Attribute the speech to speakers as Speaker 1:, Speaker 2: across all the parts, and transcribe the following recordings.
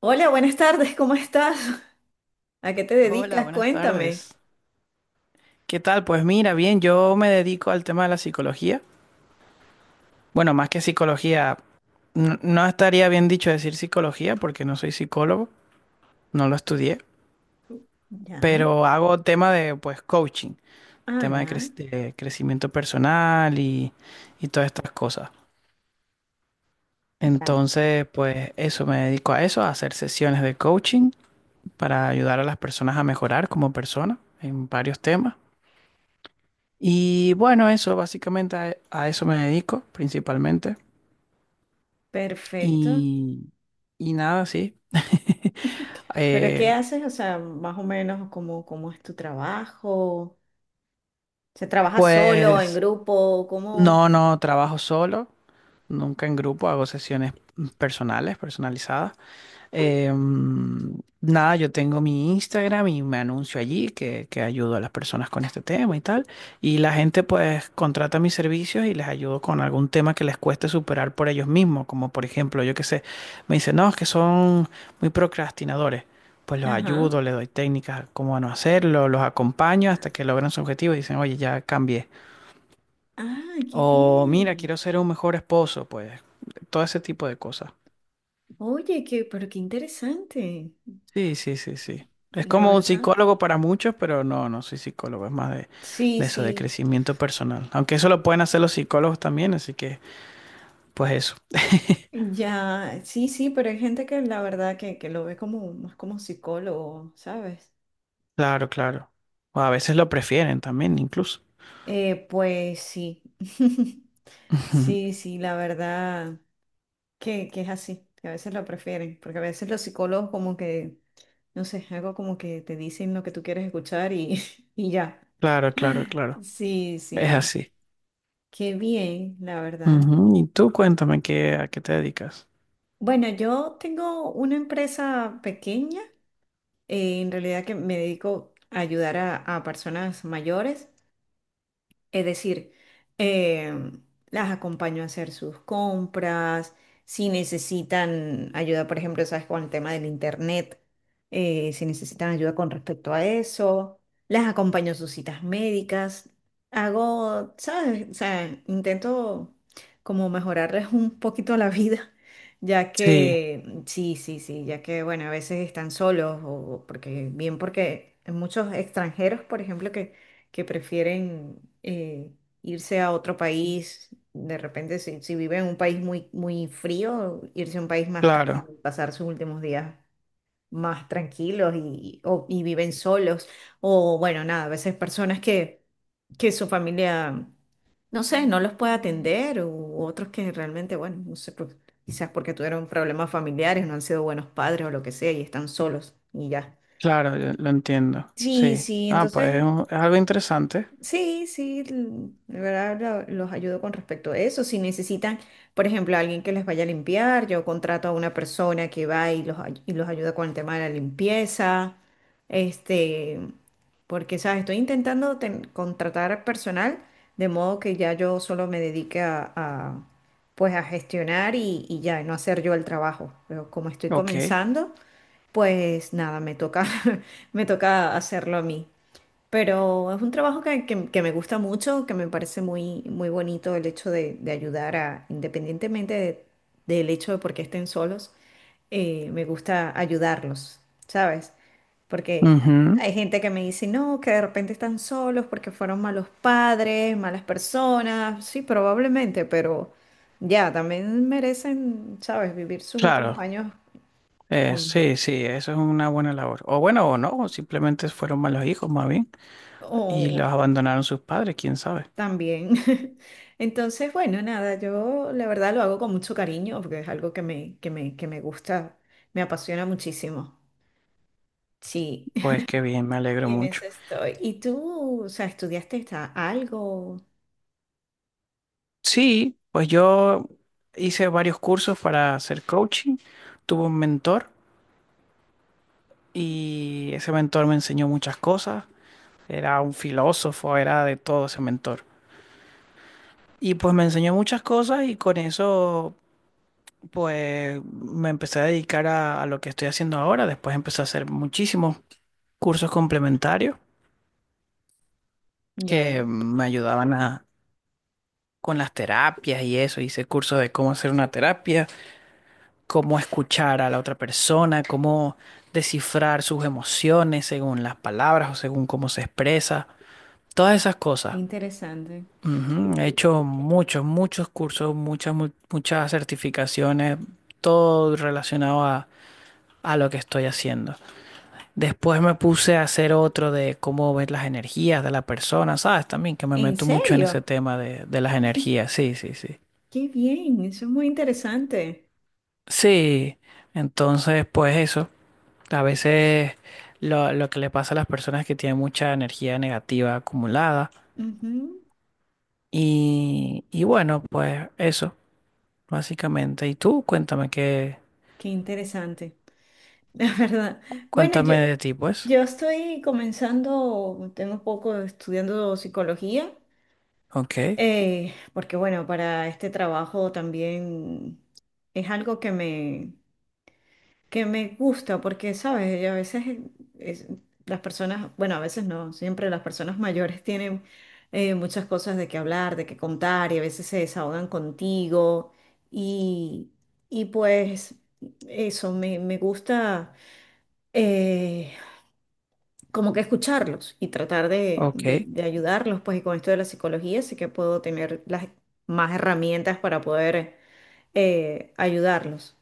Speaker 1: Hola, buenas tardes, ¿cómo estás? ¿A qué te
Speaker 2: Hola,
Speaker 1: dedicas?
Speaker 2: buenas
Speaker 1: Cuéntame.
Speaker 2: tardes. ¿Qué tal? Pues mira, bien, yo me dedico al tema de la psicología. Bueno, más que psicología, no estaría bien dicho decir psicología porque no soy psicólogo, no lo estudié,
Speaker 1: Ya.
Speaker 2: pero hago tema de pues coaching,
Speaker 1: Ah,
Speaker 2: tema de,
Speaker 1: ya.
Speaker 2: de crecimiento personal y todas estas cosas.
Speaker 1: Vale.
Speaker 2: Entonces, pues eso, me dedico a eso, a hacer sesiones de coaching para ayudar a las personas a mejorar como persona en varios temas. Y bueno, eso, básicamente a eso me dedico principalmente.
Speaker 1: Perfecto.
Speaker 2: Y, y nada, sí.
Speaker 1: ¿Pero qué
Speaker 2: Eh,
Speaker 1: haces? O sea, más o menos, ¿cómo es tu trabajo? ¿Se trabaja solo, en
Speaker 2: pues
Speaker 1: grupo? ¿Cómo?
Speaker 2: no, no trabajo solo, nunca en grupo, hago sesiones personales, personalizadas. Eh, mm, nada, yo tengo mi Instagram y me anuncio allí que ayudo a las personas con este tema y tal. Y la gente pues contrata mis servicios y les ayudo con algún tema que les cueste superar por ellos mismos. Como por ejemplo, yo qué sé, me dicen, no, es que son muy procrastinadores. Pues los
Speaker 1: Ajá.
Speaker 2: ayudo, les doy técnicas cómo no hacerlo, los acompaño hasta que logran su objetivo y dicen, oye, ya cambié.
Speaker 1: Ah, qué
Speaker 2: O mira,
Speaker 1: bien.
Speaker 2: quiero ser un mejor esposo, pues todo ese tipo de cosas.
Speaker 1: Oye, qué interesante,
Speaker 2: Sí, sí, sí, sí. Es
Speaker 1: de
Speaker 2: como un
Speaker 1: verdad.
Speaker 2: psicólogo para muchos, pero no, no soy psicólogo, es más
Speaker 1: Sí,
Speaker 2: de eso, de
Speaker 1: sí.
Speaker 2: crecimiento personal. Aunque eso lo pueden hacer los psicólogos también, así que, pues eso.
Speaker 1: Ya, sí, sí, pero hay gente que la verdad que lo ve como más como psicólogo, ¿sabes?
Speaker 2: Claro, claro. O a veces lo prefieren también, incluso.
Speaker 1: Pues sí.
Speaker 2: Ujú.
Speaker 1: Sí, sí, la verdad que es así, que a veces lo prefieren, porque a veces los psicólogos como que, no sé, algo como que te dicen lo que tú quieres escuchar y, y ya.
Speaker 2: Claro, claro, claro.
Speaker 1: Sí,
Speaker 2: Es
Speaker 1: sí,
Speaker 2: así.
Speaker 1: qué bien, la verdad.
Speaker 2: Ujú. Y tú cuéntame qué, a qué te dedicas.
Speaker 1: Bueno, yo tengo una empresa pequeña, en realidad, que me dedico a ayudar a personas mayores. Es decir, em, las acompaño a hacer sus compras, si necesitan ayuda, por ejemplo, sabes, con el tema del internet, si necesitan ayuda con respecto a eso, las acompaño a sus citas médicas, hago, ¿sabes? O sea, intento como mejorarles un poquito la vida, ya
Speaker 2: Sí,
Speaker 1: que, sí, sí, sí, ya que, bueno, a veces están solos, o porque, bien, porque hay muchos extranjeros, por ejemplo, que prefieren, irse a otro país, de repente si viven en un país muy, muy frío, irse a un país más
Speaker 2: claro,
Speaker 1: cálido, y pasar sus últimos días más tranquilos y viven solos. O bueno, nada, a veces personas que su familia, no sé, no los puede atender, u otros que realmente, bueno, no sé, pues, quizás porque tuvieron problemas familiares, no han sido buenos padres o lo que sea, y están solos y ya.
Speaker 2: claro, yo lo entiendo.
Speaker 1: Sí,
Speaker 2: Sí.
Speaker 1: sí,
Speaker 2: Ah, pues es,
Speaker 1: entonces...
Speaker 2: es algo interesante.
Speaker 1: Sí, sí, de verdad los ayudo con respecto a eso. Si necesitan, por ejemplo, alguien que les vaya a limpiar, yo contrato a una persona que va y y los ayuda con el tema de la limpieza. Este, porque, ¿sabes? Estoy intentando contratar personal de modo que ya yo solo me dedique pues a gestionar y ya, y no hacer yo el trabajo. Pero como estoy
Speaker 2: Ok.
Speaker 1: comenzando, pues nada, me toca, me toca hacerlo a mí. Pero es un trabajo que me gusta mucho, que me parece muy, muy bonito el hecho de ayudar a, independientemente del hecho de por qué estén solos, me gusta ayudarlos, ¿sabes? Porque
Speaker 2: Ujú.
Speaker 1: hay gente que me dice, no, que de repente están solos porque fueron malos padres, malas personas, sí, probablemente, pero ya, también merecen, ¿sabes? Vivir sus últimos
Speaker 2: Claro.
Speaker 1: años con,
Speaker 2: Sí, sí, eso es una buena labor. O bueno, o no, o simplemente fueron malos hijos más bien y
Speaker 1: o
Speaker 2: los abandonaron sus padres, quién sabe.
Speaker 1: También. Entonces, bueno, nada, yo la verdad lo hago con mucho cariño porque es algo que me gusta, me apasiona muchísimo. Sí,
Speaker 2: Pues qué bien, me alegro
Speaker 1: y en
Speaker 2: mucho.
Speaker 1: eso estoy. ¿Y tú, o sea, estudiaste algo?
Speaker 2: Sí, pues yo hice varios cursos para hacer coaching, tuve un mentor y ese mentor me enseñó muchas cosas, era un filósofo, era de todo ese mentor. Y pues me enseñó muchas cosas y con eso pues me empecé a dedicar a lo que estoy haciendo ahora, después empecé a hacer muchísimos cursos complementarios que
Speaker 1: Ya,
Speaker 2: me ayudaban a, con las terapias y eso. Hice cursos de cómo hacer una terapia, cómo escuchar a la otra persona, cómo descifrar sus emociones según las palabras o según cómo se expresa. Todas esas
Speaker 1: qué
Speaker 2: cosas.
Speaker 1: interesante.
Speaker 2: Ujú, he hecho muchos, muchos cursos, muchas, muchas certificaciones, todo relacionado a lo que estoy haciendo. Después me puse a hacer otro de cómo ver las energías de la persona, ¿sabes? También que me
Speaker 1: ¿En
Speaker 2: meto mucho en
Speaker 1: serio?
Speaker 2: ese tema de las energías, sí, sí, sí.
Speaker 1: Qué bien, eso es muy interesante.
Speaker 2: Sí, entonces pues eso, a veces lo que le pasa a las personas es que tienen mucha energía negativa acumulada
Speaker 1: Ujú.
Speaker 2: y bueno, pues eso, básicamente. Y tú, cuéntame qué,
Speaker 1: Qué interesante, la verdad. Bueno, yo,
Speaker 2: cuéntame de ti, pues.
Speaker 1: yo estoy comenzando, tengo un poco estudiando psicología.
Speaker 2: Ok,
Speaker 1: Porque bueno, para este trabajo también es algo que me gusta, porque sabes, y a veces, es- las personas, bueno, a veces no, siempre las personas mayores tienen, muchas cosas de qué hablar, de qué contar, y a veces se desahogan contigo. Y, y pues eso, me gusta, eh, como que escucharlos y tratar de,
Speaker 2: ok,
Speaker 1: de- de ayudarlos, pues y con esto de la psicología sí que puedo tener las más herramientas para poder, ayudarlos.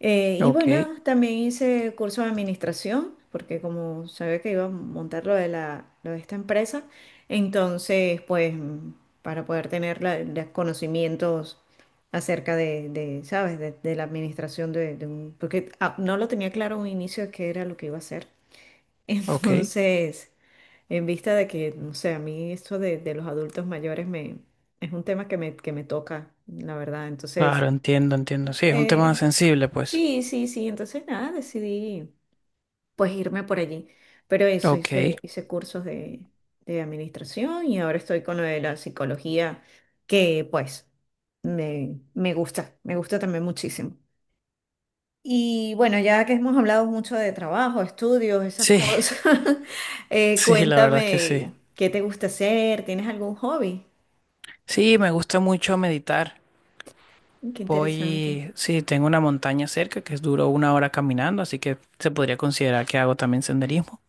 Speaker 1: Y
Speaker 2: ok,
Speaker 1: bueno, también hice curso de administración, porque como sabía que iba a montar lo de esta empresa, entonces pues, para poder tener los conocimientos acerca de, ¿sabes? De la administración de un... Porque, no lo tenía claro en un inicio de qué era lo que iba a hacer.
Speaker 2: ok.
Speaker 1: Entonces... En vista de que, no sé, a mí esto de los adultos mayores es un tema que me toca, la verdad. Entonces,
Speaker 2: Claro, entiendo, entiendo. Sí, es un
Speaker 1: eh,
Speaker 2: tema sensible, pues.
Speaker 1: sí, sí, sí. Entonces, nada, decidí pues irme por allí. Pero eso,
Speaker 2: Ok.
Speaker 1: hice cursos de administración y ahora estoy con lo de la psicología, que pues me gusta, me gusta también muchísimo. Y bueno, ya que hemos hablado mucho de trabajo, estudios, esas
Speaker 2: Sí,
Speaker 1: cosas,
Speaker 2: sí, la verdad es que sí.
Speaker 1: cuéntame qué te gusta hacer, ¿tienes algún hobby?
Speaker 2: Sí, me gusta mucho meditar.
Speaker 1: Qué interesante.
Speaker 2: Voy, sí, tengo una montaña cerca que es duro una hora caminando, así que se podría considerar que hago también senderismo.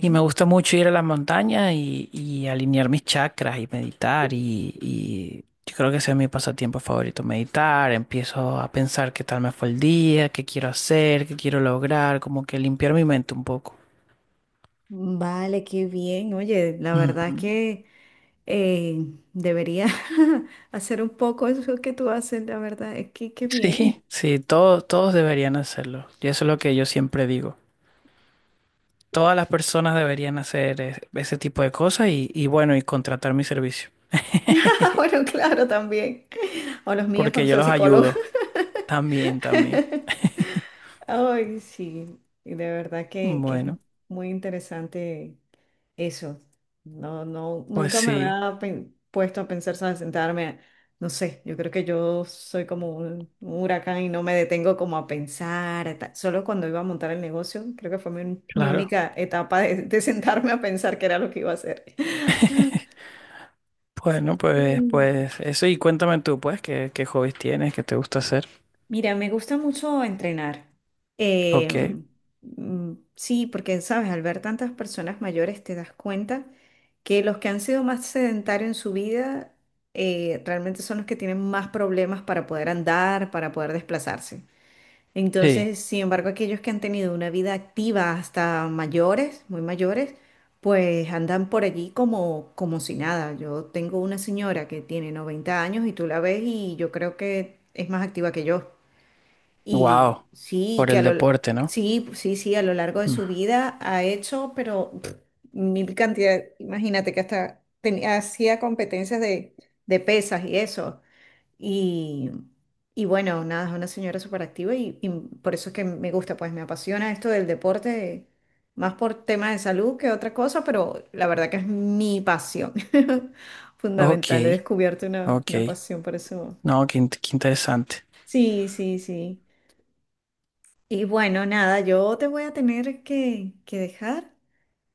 Speaker 2: Y me gusta mucho ir a las montañas y alinear mis chakras y meditar. Y yo creo que ese es mi pasatiempo favorito, meditar. Empiezo a pensar qué tal me fue el día, qué quiero hacer, qué quiero lograr, como que limpiar mi mente un poco.
Speaker 1: Vale, qué bien. Oye, la verdad
Speaker 2: Ujú.
Speaker 1: que, eh, debería hacer un poco eso que tú haces, la verdad, es que qué bien.
Speaker 2: Sí, sí, todos, todos deberían hacerlo. Y eso es lo que yo siempre digo. Todas las personas deberían hacer ese tipo de cosas y bueno, y contratar mi servicio,
Speaker 1: Ah, bueno, claro, también. O los míos
Speaker 2: porque
Speaker 1: cuando
Speaker 2: yo
Speaker 1: sea
Speaker 2: los
Speaker 1: psicólogo.
Speaker 2: ayudo también, también.
Speaker 1: Ay, sí, y de verdad que es
Speaker 2: Bueno,
Speaker 1: muy interesante. Eso, no, no,
Speaker 2: pues
Speaker 1: nunca me
Speaker 2: sí,
Speaker 1: había puesto a pensar, ¿sabes? Sentarme, no sé, yo creo que yo soy como un huracán y no me detengo como a pensar, solo cuando iba a montar el negocio, creo que fue mi
Speaker 2: claro.
Speaker 1: única etapa de sentarme a pensar qué era lo que iba a hacer.
Speaker 2: Bueno, pues,
Speaker 1: Sí.
Speaker 2: pues eso y cuéntame tú, pues, qué, qué hobbies tienes, qué te gusta hacer.
Speaker 1: Mira, me gusta mucho entrenar. Eh,
Speaker 2: Ok,
Speaker 1: sí, porque, sabes, al ver tantas personas mayores te das cuenta que los que han sido más sedentarios en su vida, realmente son los que tienen más problemas para poder andar, para poder desplazarse.
Speaker 2: sí,
Speaker 1: Entonces, sin embargo, aquellos que han tenido una vida activa hasta mayores, muy mayores, pues andan por allí como si nada. Yo tengo una señora que tiene 90 años y tú la ves y yo creo que es más activa que yo. Y
Speaker 2: wow,
Speaker 1: sí,
Speaker 2: por el deporte, ¿no?
Speaker 1: sí, sí, sí, a lo largo de
Speaker 2: Mm.
Speaker 1: su vida ha hecho, pero mil cantidad, imagínate que hasta tenía, hacía competencias de pesas y eso. Y, y bueno, nada, es una señora súper activa y por eso es que me gusta, pues me apasiona esto del deporte, más por temas de salud que otra cosa, pero la verdad que es mi pasión.
Speaker 2: Ok,
Speaker 1: Fundamental, he descubierto una,
Speaker 2: ok,
Speaker 1: una pasión por eso.
Speaker 2: no, qué, qué interesante.
Speaker 1: Sí, sí, sí. Y bueno, nada, yo te voy a tener que dejar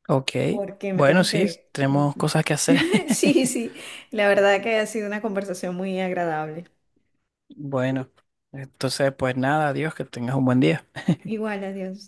Speaker 2: Ok,
Speaker 1: porque me
Speaker 2: bueno,
Speaker 1: tengo
Speaker 2: sí,
Speaker 1: que...
Speaker 2: tenemos cosas que hacer.
Speaker 1: Sí, sí, la verdad que ha sido una conversación muy agradable.
Speaker 2: Bueno, entonces, pues nada, adiós, que tengas un buen día.
Speaker 1: Igual, adiós.